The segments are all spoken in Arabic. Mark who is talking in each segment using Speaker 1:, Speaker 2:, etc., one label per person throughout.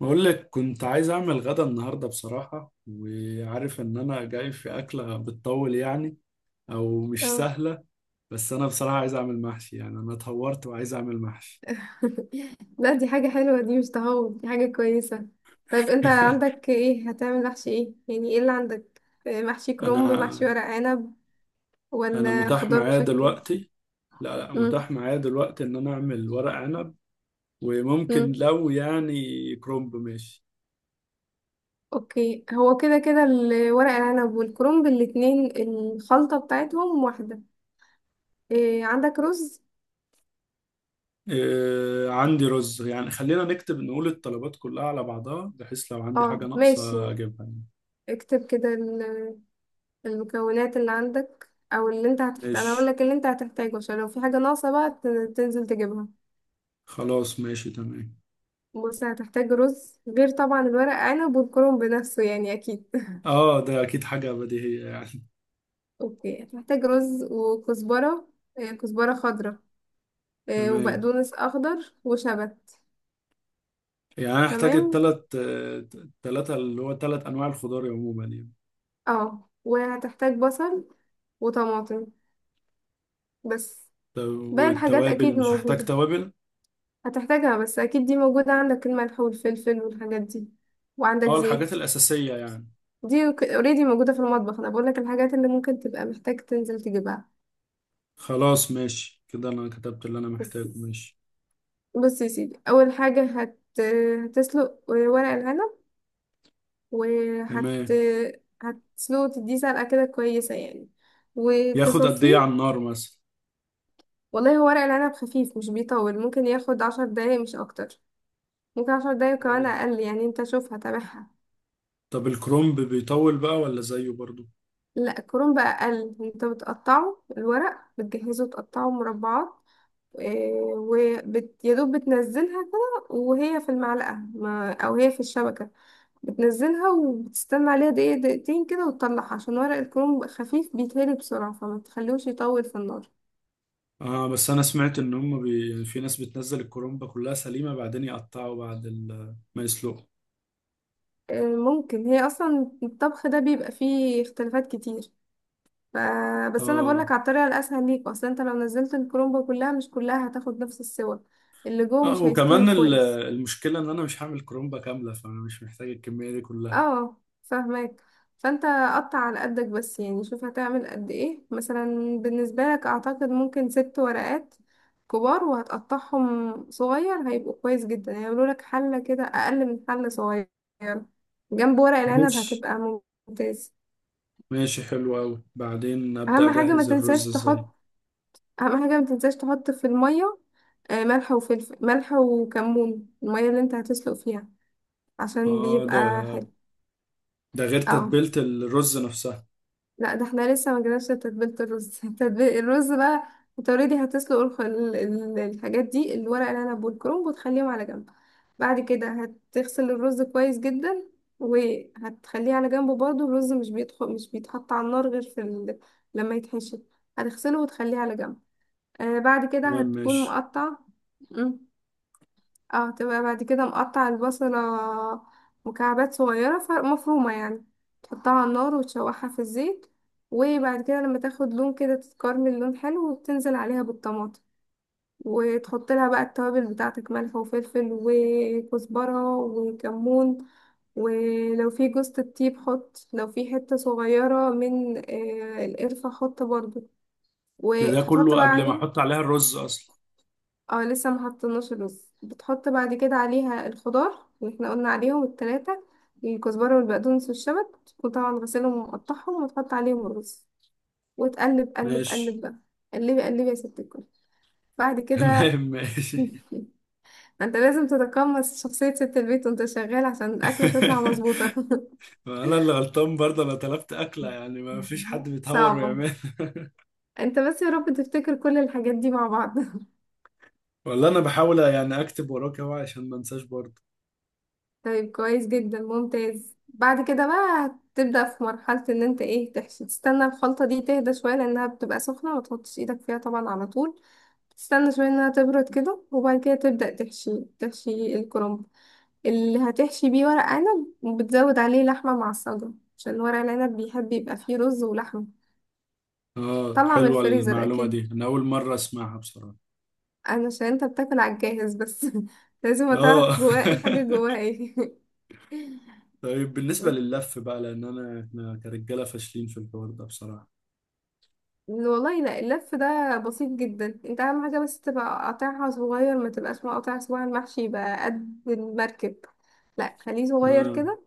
Speaker 1: بقول لك كنت عايز اعمل غدا النهارده، بصراحه، وعارف ان انا جاي في اكله بتطول يعني، او مش
Speaker 2: اه
Speaker 1: سهله. بس انا بصراحه عايز اعمل محشي، يعني انا اتهورت وعايز اعمل محشي.
Speaker 2: لا، دي حاجة حلوة، دي مش تهور، دي حاجة كويسة. طيب، انت عندك ايه؟ هتعمل محشي ايه يعني؟ ايه اللي عندك؟ محشي كرنب، محشي
Speaker 1: انا
Speaker 2: ورق عنب،
Speaker 1: انا
Speaker 2: ولا
Speaker 1: متاح
Speaker 2: خضار
Speaker 1: معايا
Speaker 2: مشكل؟
Speaker 1: دلوقتي. لا، لا،
Speaker 2: مم.
Speaker 1: متاح معايا دلوقتي ان انا اعمل ورق عنب. وممكن
Speaker 2: مم.
Speaker 1: لو يعني كرومب ماشي.
Speaker 2: اوكي، هو كده كده الورق العنب والكرنب الاتنين الخلطة بتاعتهم واحدة. إيه، عندك رز؟
Speaker 1: آه، عندي رز. يعني خلينا نكتب نقول الطلبات كلها على بعضها بحيث لو عندي
Speaker 2: اه
Speaker 1: حاجه
Speaker 2: ماشي.
Speaker 1: ناقصه اجيبها يعني.
Speaker 2: اكتب كده المكونات اللي عندك او اللي انت هتحتاج. انا اقول
Speaker 1: ماشي.
Speaker 2: لك اللي انت هتحتاجه عشان لو في حاجة ناقصة بقى تنزل تجيبها.
Speaker 1: خلاص. ماشي. تمام.
Speaker 2: بص، هتحتاج رز غير طبعا الورق عنب والكرنب بنفسه يعني اكيد.
Speaker 1: اه، ده اكيد حاجة بديهية يعني.
Speaker 2: اوكي، هتحتاج رز وكزبرة. كزبرة خضراء.
Speaker 1: تمام.
Speaker 2: وبقدونس اخضر وشبت.
Speaker 1: يعني انا احتاج
Speaker 2: تمام.
Speaker 1: التلاتة، اللي هو تلات انواع الخضار عموما يعني.
Speaker 2: اه، وهتحتاج بصل وطماطم بس.
Speaker 1: طب،
Speaker 2: باقي الحاجات اكيد
Speaker 1: والتوابل؟ مش هحتاج
Speaker 2: موجودة،
Speaker 1: توابل؟
Speaker 2: هتحتاجها بس اكيد دي موجودة عندك، الملح والفلفل والحاجات دي. وعندك
Speaker 1: اه، الحاجات
Speaker 2: زيت،
Speaker 1: الاساسية يعني.
Speaker 2: دي اوريدي موجودة في المطبخ. انا بقولك الحاجات اللي ممكن تبقى محتاج تنزل تجيبها
Speaker 1: خلاص، ماشي كده. انا كتبت اللي انا
Speaker 2: بس.
Speaker 1: محتاجه. ماشي.
Speaker 2: بص يا سيدي، اول حاجه هتسلق ورق العنب، وهت
Speaker 1: تمام.
Speaker 2: هتسلقه تديه سلقه كده كويسه يعني،
Speaker 1: ياخد قد ايه على
Speaker 2: وتصفيه.
Speaker 1: النار مثلا؟
Speaker 2: والله هو ورق العنب خفيف، مش بيطول، ممكن ياخد 10 دقايق مش اكتر. ممكن 10 دقايق، كمان
Speaker 1: آه.
Speaker 2: اقل يعني، انت شوف هتابعها.
Speaker 1: طب الكرنب بيطول بقى ولا زيه برضو؟
Speaker 2: لا الكرنب بقى اقل، انت بتقطعه الورق بتجهزه تقطعه مربعات. آه، يا دوب بتنزلها كده وهي في المعلقه، ما... او هي في الشبكه. بتنزلها وبتستنى عليها دقيقة دقيقتين كده وتطلعها، عشان ورق الكروم بيبقى خفيف بيتهري بسرعة، فما تخلوش يطول في النار.
Speaker 1: اه، بس انا سمعت ان هم في ناس بتنزل الكرنب كلها سليمة، بعدين يقطعوا بعد ما يسلقوا.
Speaker 2: ممكن، هي أصلا الطبخ ده بيبقى فيه اختلافات كتير. ف... بس أنا
Speaker 1: اه،
Speaker 2: بقولك على الطريقة الأسهل ليك. أصلا أنت لو نزلت الكرومبة كلها، مش كلها هتاخد نفس السوى، اللي جوه
Speaker 1: اه،
Speaker 2: مش هيستوي
Speaker 1: وكمان
Speaker 2: كويس.
Speaker 1: المشكلة ان انا مش هعمل كرومبة كاملة، فانا مش محتاج الكمية دي كلها.
Speaker 2: اه فاهمك. فانت قطع على قدك بس يعني، شوف هتعمل قد ايه مثلا. بالنسبة لك اعتقد ممكن 6 ورقات كبار، وهتقطعهم صغير هيبقوا كويس جدا، هيعملوا لك حلة كده اقل من حلة صغير جنب ورق العنب
Speaker 1: ماشي.
Speaker 2: هتبقى ممتاز.
Speaker 1: ماشي، حلو اوي. بعدين ابدأ
Speaker 2: اهم حاجة ما
Speaker 1: اجهز الرز
Speaker 2: تنساش
Speaker 1: ازاي؟
Speaker 2: تحط، اهم حاجة ما تنساش تحط في المية ملح وفلفل، ملح وكمون، المية اللي انت هتسلق فيها، عشان
Speaker 1: اه. ده
Speaker 2: بيبقى حلو.
Speaker 1: ده غير
Speaker 2: اه
Speaker 1: تتبيلة الرز نفسها؟
Speaker 2: لا، ده احنا لسه ما جيناش لتتبيلة الرز. تتبيل الرز بقى. انت اوريدي هتسلق الحاجات دي، الورق العنب والكرنب، وتخليهم على جنب. بعد كده هتغسل الرز كويس جدا، وهتخليه على جنب برضه. الرز مش بيدخل، مش بيتحط على النار غير في لما يتحشي. هتغسله وتخليه على جنب. آه بعد كده
Speaker 1: تمام،
Speaker 2: هتكون
Speaker 1: ماشي.
Speaker 2: مقطع. اه تبقى بعد كده مقطع البصلة مكعبات صغيرة، مفرومة يعني. تحطها على النار وتشوحها في الزيت، وبعد كده لما تاخد لون كده تتكرمل لون حلو، وتنزل عليها بالطماطم. وتحط لها بقى التوابل بتاعتك، ملح وفلفل وكزبرة وكمون. ولو في جوزة الطيب حط، لو في حتة صغيرة من القرفة حط برضو.
Speaker 1: ده
Speaker 2: وهتحط
Speaker 1: كله
Speaker 2: بقى
Speaker 1: قبل ما
Speaker 2: عليه.
Speaker 1: احط عليها الرز اصلا؟
Speaker 2: اه لسه ما حطيناش الرز. بتحط بعد كده عليها الخضار اللي احنا قلنا عليهم التلاتة، الكزبرة والبقدونس والشبت، تكون طبعا غسلهم ومقطعهم، وتحط عليهم الرز، وتقلب قلب
Speaker 1: ماشي.
Speaker 2: قلب بقى. قلبي قلبي يا ست الكل. بعد كده.
Speaker 1: تمام، ماشي.
Speaker 2: انت لازم تتقمص شخصية ست البيت وانت شغال عشان الأكلة تطلع مظبوطة.
Speaker 1: ما انا اللي غلطان برضه، انا طلبت اكلة يعني، ما فيش حد بيتهور
Speaker 2: صعبة.
Speaker 1: ويعمل.
Speaker 2: انت بس يا رب تفتكر كل الحاجات دي مع بعض.
Speaker 1: ولا انا بحاول يعني اكتب وراك اهو عشان ما انساش برضه.
Speaker 2: طيب كويس جدا، ممتاز. بعد كده بقى تبدأ في مرحلة ان انت ايه، تحشي. تستنى الخلطة دي تهدى شوية لانها بتبقى سخنة، ما تحطش ايدك فيها طبعا على طول. تستنى شوية انها تبرد كده، وبعد كده تبدأ تحشي الكرنب اللي هتحشي بيه ورق عنب، وبتزود عليه لحمة معصجة، عشان ورق العنب بيحب يبقى فيه رز ولحمة.
Speaker 1: اه،
Speaker 2: طلع من
Speaker 1: حلوة
Speaker 2: الفريزر
Speaker 1: المعلومة
Speaker 2: اكيد.
Speaker 1: دي، انا اول مرة اسمعها بصراحة.
Speaker 2: انا عشان انت بتاكل على الجاهز بس. لازم تعرف
Speaker 1: اه.
Speaker 2: جواه الحاجة جواها ايه.
Speaker 1: طيب بالنسبة لللف بقى، لان احنا كرجالة فاشلين في الحوار ده بصراحة.
Speaker 2: والله لا، اللف ده بسيط جدا. انت اهم حاجة بس تبقى قطعها صغير، ما تبقاش مقطع صباع المحشي يبقى قد المركب. لا خليه صغير
Speaker 1: اه.
Speaker 2: كده،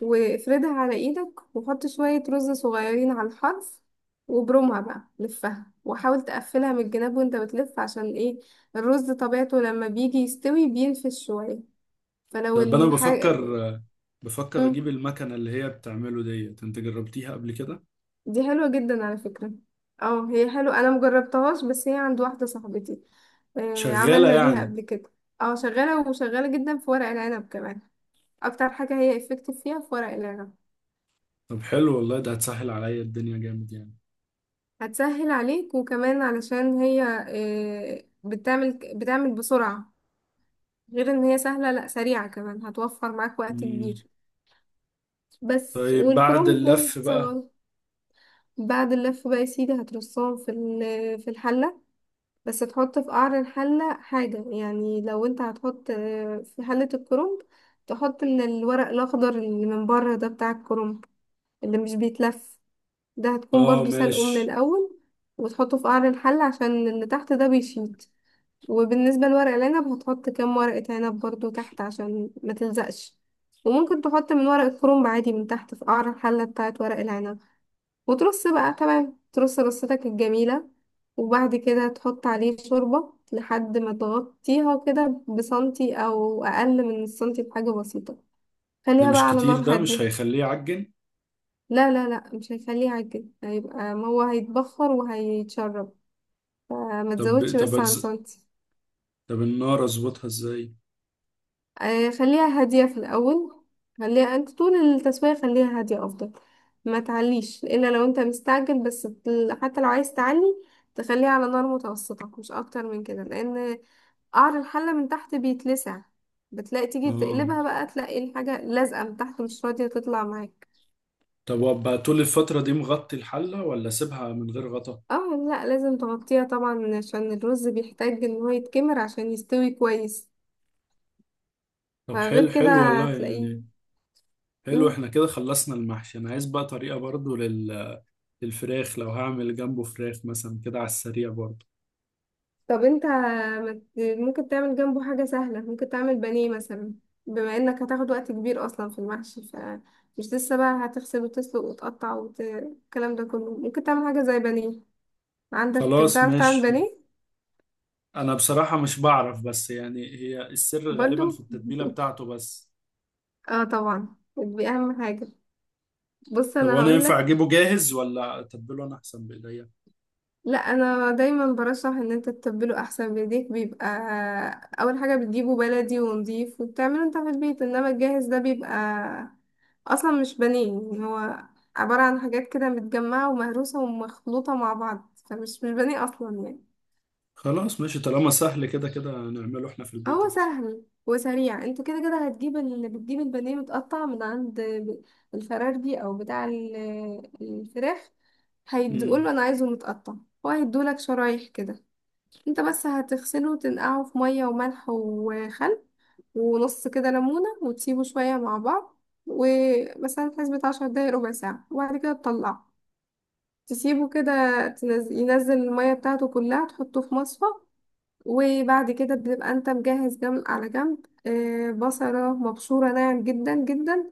Speaker 2: وافردها على ايدك، وحط شوية رز صغيرين على الحرف، وبرمها بقى لفها، وحاول تقفلها من الجناب وانت بتلف. عشان ايه؟ الرز طبيعته لما بيجي يستوي بينفش شوية، فلو
Speaker 1: طب انا بفكر
Speaker 2: الحاجة
Speaker 1: بفكر اجيب المكنة اللي هي بتعمله ديت. انت جربتيها قبل كده؟
Speaker 2: دي حلوة جدا على فكرة. اه هي حلوة، انا مجربتهاش، بس هي عند واحدة صاحبتي. آه
Speaker 1: شغالة
Speaker 2: عملنا بيها
Speaker 1: يعني؟
Speaker 2: قبل كده. اه شغالة، وشغالة جدا في ورق العنب كمان. اكتر حاجة هي افكتيف فيها في ورق العنب.
Speaker 1: طب، حلو والله، ده هتسهل عليا الدنيا جامد يعني.
Speaker 2: هتسهل عليك، وكمان علشان هي بتعمل بسرعة. غير ان هي سهلة، لا سريعة كمان، هتوفر معاك وقت
Speaker 1: مم.
Speaker 2: كبير بس.
Speaker 1: طيب بعد
Speaker 2: والكرنب
Speaker 1: اللف بقى؟
Speaker 2: صغير. بعد اللف بقى يا سيدي، هترصهم في في الحلة. بس تحط في قعر الحلة حاجة يعني، لو انت هتحط في حلة الكرنب، تحط الورق الأخضر اللي من بره ده بتاع الكرنب، اللي مش بيتلف. ده هتكون
Speaker 1: اه،
Speaker 2: برضو سلقه من
Speaker 1: ماشي.
Speaker 2: الأول، وتحطه في قعر الحلة عشان اللي تحت ده بيشيط. وبالنسبة لورق العنب، هتحط كام ورقة عنب برضو تحت عشان ما تلزقش. وممكن تحط من ورق الكرنب عادي من تحت في قعر الحلة بتاعت ورق العنب. وترص بقى تمام، ترص رصتك الجميلة. وبعد كده تحط عليه شوربة لحد ما تغطيها كده بسنتي أو أقل من السنتي بحاجة بسيطة.
Speaker 1: ده
Speaker 2: خليها بقى
Speaker 1: مش
Speaker 2: على
Speaker 1: كتير؟
Speaker 2: نار
Speaker 1: ده مش
Speaker 2: هادية.
Speaker 1: هيخليه يعجن؟
Speaker 2: لا لا لا، مش هيخليها على كده، هيبقى ما هو هيتبخر وهيتشرب. فما
Speaker 1: طب
Speaker 2: تزودش
Speaker 1: طب
Speaker 2: بس عن
Speaker 1: أتز...
Speaker 2: سنتي.
Speaker 1: طب النار اظبطها ازاي؟
Speaker 2: خليها هادية في الأول. خليها أنت طول التسوية خليها هادية أفضل. ما تعليش إلا لو أنت مستعجل بس. حتى لو عايز تعلي، تخليها على نار متوسطة مش أكتر من كده، لأن قعر الحلة من تحت بيتلسع. بتلاقي تيجي
Speaker 1: اه.
Speaker 2: تقلبها بقى تلاقي الحاجة لازقة من تحت مش راضية تطلع معاك.
Speaker 1: طب، وابقى طول الفترة دي مغطي الحلة، ولا اسيبها من غير غطا؟
Speaker 2: اه لا، لازم تغطيها طبعا عشان الرز بيحتاج ان هو يتكمر عشان يستوي كويس.
Speaker 1: طب،
Speaker 2: فغير
Speaker 1: حلو،
Speaker 2: كده
Speaker 1: حلو والله
Speaker 2: هتلاقيه.
Speaker 1: يعني. حلو. احنا كده خلصنا المحشي. انا عايز بقى طريقة برضو للفراخ لو هعمل جنبه فراخ مثلا كده على السريع برضو.
Speaker 2: طب انت ما ت- ممكن تعمل جنبه حاجة سهلة، ممكن تعمل بانيه مثلا. بما انك هتاخد وقت كبير اصلا في المحشي، فمش لسه بقى هتغسل وتسلق وتقطع والكلام ده كله، ممكن تعمل حاجة زي بانيه. عندك
Speaker 1: خلاص،
Speaker 2: بتعرف تعمل
Speaker 1: ماشي.
Speaker 2: بانيه؟
Speaker 1: انا بصراحة مش بعرف، بس يعني هي السر غالبا في
Speaker 2: برضو.
Speaker 1: التتبيلة بتاعته بس.
Speaker 2: اه طبعا دي اهم حاجة. بص
Speaker 1: طب،
Speaker 2: انا
Speaker 1: وانا ينفع
Speaker 2: هقولك.
Speaker 1: اجيبه جاهز ولا اتبله انا احسن بايديا؟
Speaker 2: لا انا دايما برشح ان انت تتبله احسن بايديك. بيبقى اول حاجه بتجيبه بلدي ونضيف وبتعمله انت في البيت، انما الجاهز ده بيبقى اصلا مش بنين يعني. هو عباره عن حاجات كده متجمعه ومهروسه ومخلوطه مع بعض، فمش مش بانيه اصلا يعني.
Speaker 1: خلاص، ماشي طالما سهل، كده كده نعمله احنا في البيت
Speaker 2: هو
Speaker 1: احسن.
Speaker 2: سهل وسريع. انت كده كده هتجيب بتجيب البانيه متقطع من عند الفراربي او بتاع الفراخ.
Speaker 1: امم.
Speaker 2: هيديقوله انا عايزه متقطع، هو هيديهولك شرايح كده. انت بس هتغسله وتنقعه في مية وملح وخل ونص كده ليمونة، وتسيبه شوية مع بعض، ومثلا في حسبة 10 دقايق ربع ساعة، وبعد كده تطلعه. تسيبه كده ينزل المية بتاعته كلها، تحطه في مصفى. وبعد كده بتبقى انت مجهز جنب على جنب بصلة مبشورة ناعم جدا جدا،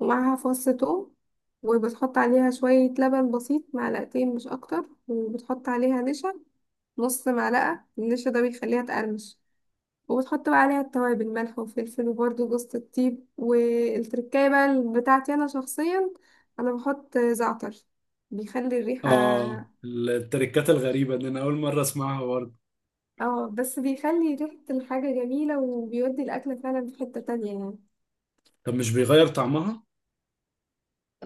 Speaker 2: ومعاها فص ثوم. وبتحط عليها شوية لبن بسيط معلقتين مش أكتر، وبتحط عليها نشا، نص معلقة من النشا، ده بيخليها تقرمش. وبتحط بقى عليها التوابل، ملح وفلفل وبرده جوز الطيب. والتركاية بقى بتاعتي أنا شخصيا، أنا بحط زعتر، بيخلي الريحة.
Speaker 1: اه، التركات الغريبة دي انا اول مرة اسمعها برضه.
Speaker 2: اه بس بيخلي ريحة الحاجة جميلة، وبيودي الأكلة فعلا في حتة تانية يعني.
Speaker 1: طب، مش بيغير طعمها؟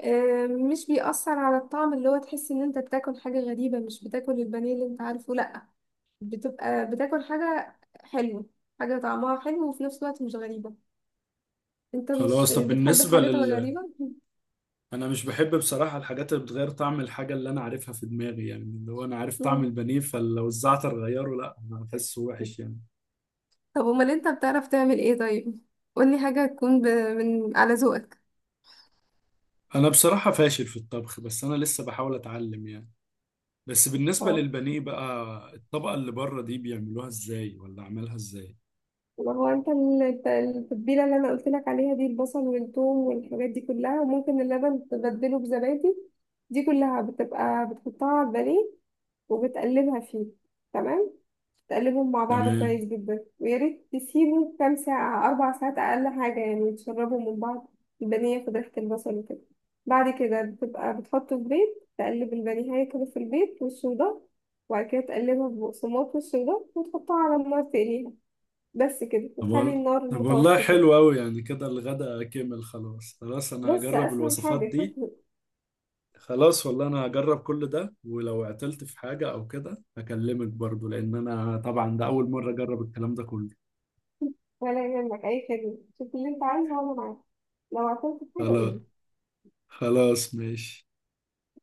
Speaker 2: مش بيأثر على الطعم اللي هو تحس إن أنت بتاكل حاجة غريبة، مش بتاكل البانيه اللي أنت عارفه، لأ. بتبقى بتاكل حاجة حلوة، حاجة طعمها حلو وفي نفس الوقت مش غريبة. انت مش
Speaker 1: خلاص. طب
Speaker 2: بتحب
Speaker 1: بالنسبة
Speaker 2: الحاجات
Speaker 1: لل
Speaker 2: الغريبة.
Speaker 1: أنا مش بحب بصراحة الحاجات اللي بتغير طعم الحاجة اللي أنا عارفها في دماغي، يعني اللي هو أنا عارف طعم
Speaker 2: مم.
Speaker 1: البانيه، فلو الزعتر غيره، لا أنا بحسه وحش يعني.
Speaker 2: طب امال انت بتعرف تعمل ايه طيب؟ قولي حاجة تكون من على ذوقك.
Speaker 1: أنا بصراحة فاشل في الطبخ، بس أنا لسه بحاول أتعلم يعني. بس بالنسبة
Speaker 2: اه
Speaker 1: للبانيه بقى، الطبقة اللي بره دي بيعملوها إزاي، ولا عملها إزاي؟
Speaker 2: ما هو انت التتبيله اللي انا قلت لك عليها دي، البصل والثوم والحاجات دي كلها، وممكن اللبن تبدله بزبادي، دي كلها بتبقى بتحطها على البانيه وبتقلبها فيه. تمام، تقلبهم مع بعض
Speaker 1: تمام.
Speaker 2: كويس جدا، ويا ريت تسيبه كام ساعة، 4 ساعات أقل حاجة يعني، تشربهم من بعض. البانيه ياخد ريحة البصل وكده. بعد كده بتبقى بتحطه في بيض، تقلب البانيه كده في البيض والصودا، وبعد كده تقلبها ببقسماط والصودا، وتحطها على النار تقليها. بس كده، وتخلي النار
Speaker 1: طب والله
Speaker 2: متوسطة.
Speaker 1: حلو أوي يعني. كده الغدا كمل. خلاص. خلاص أنا
Speaker 2: بس
Speaker 1: هجرب
Speaker 2: أسهل
Speaker 1: الوصفات
Speaker 2: حاجة.
Speaker 1: دي. خلاص والله. انا هجرب كل ده، ولو عطلت في حاجة او كده هكلمك برضو، لان انا طبعا ده اول مرة اجرب الكلام ده كله.
Speaker 2: ولا يهمك، أي خدمة، شوف اللي أنت عايزه وأنا معاك. لو عطلت في حاجة
Speaker 1: خلاص.
Speaker 2: قولي.
Speaker 1: خلاص، ماشي.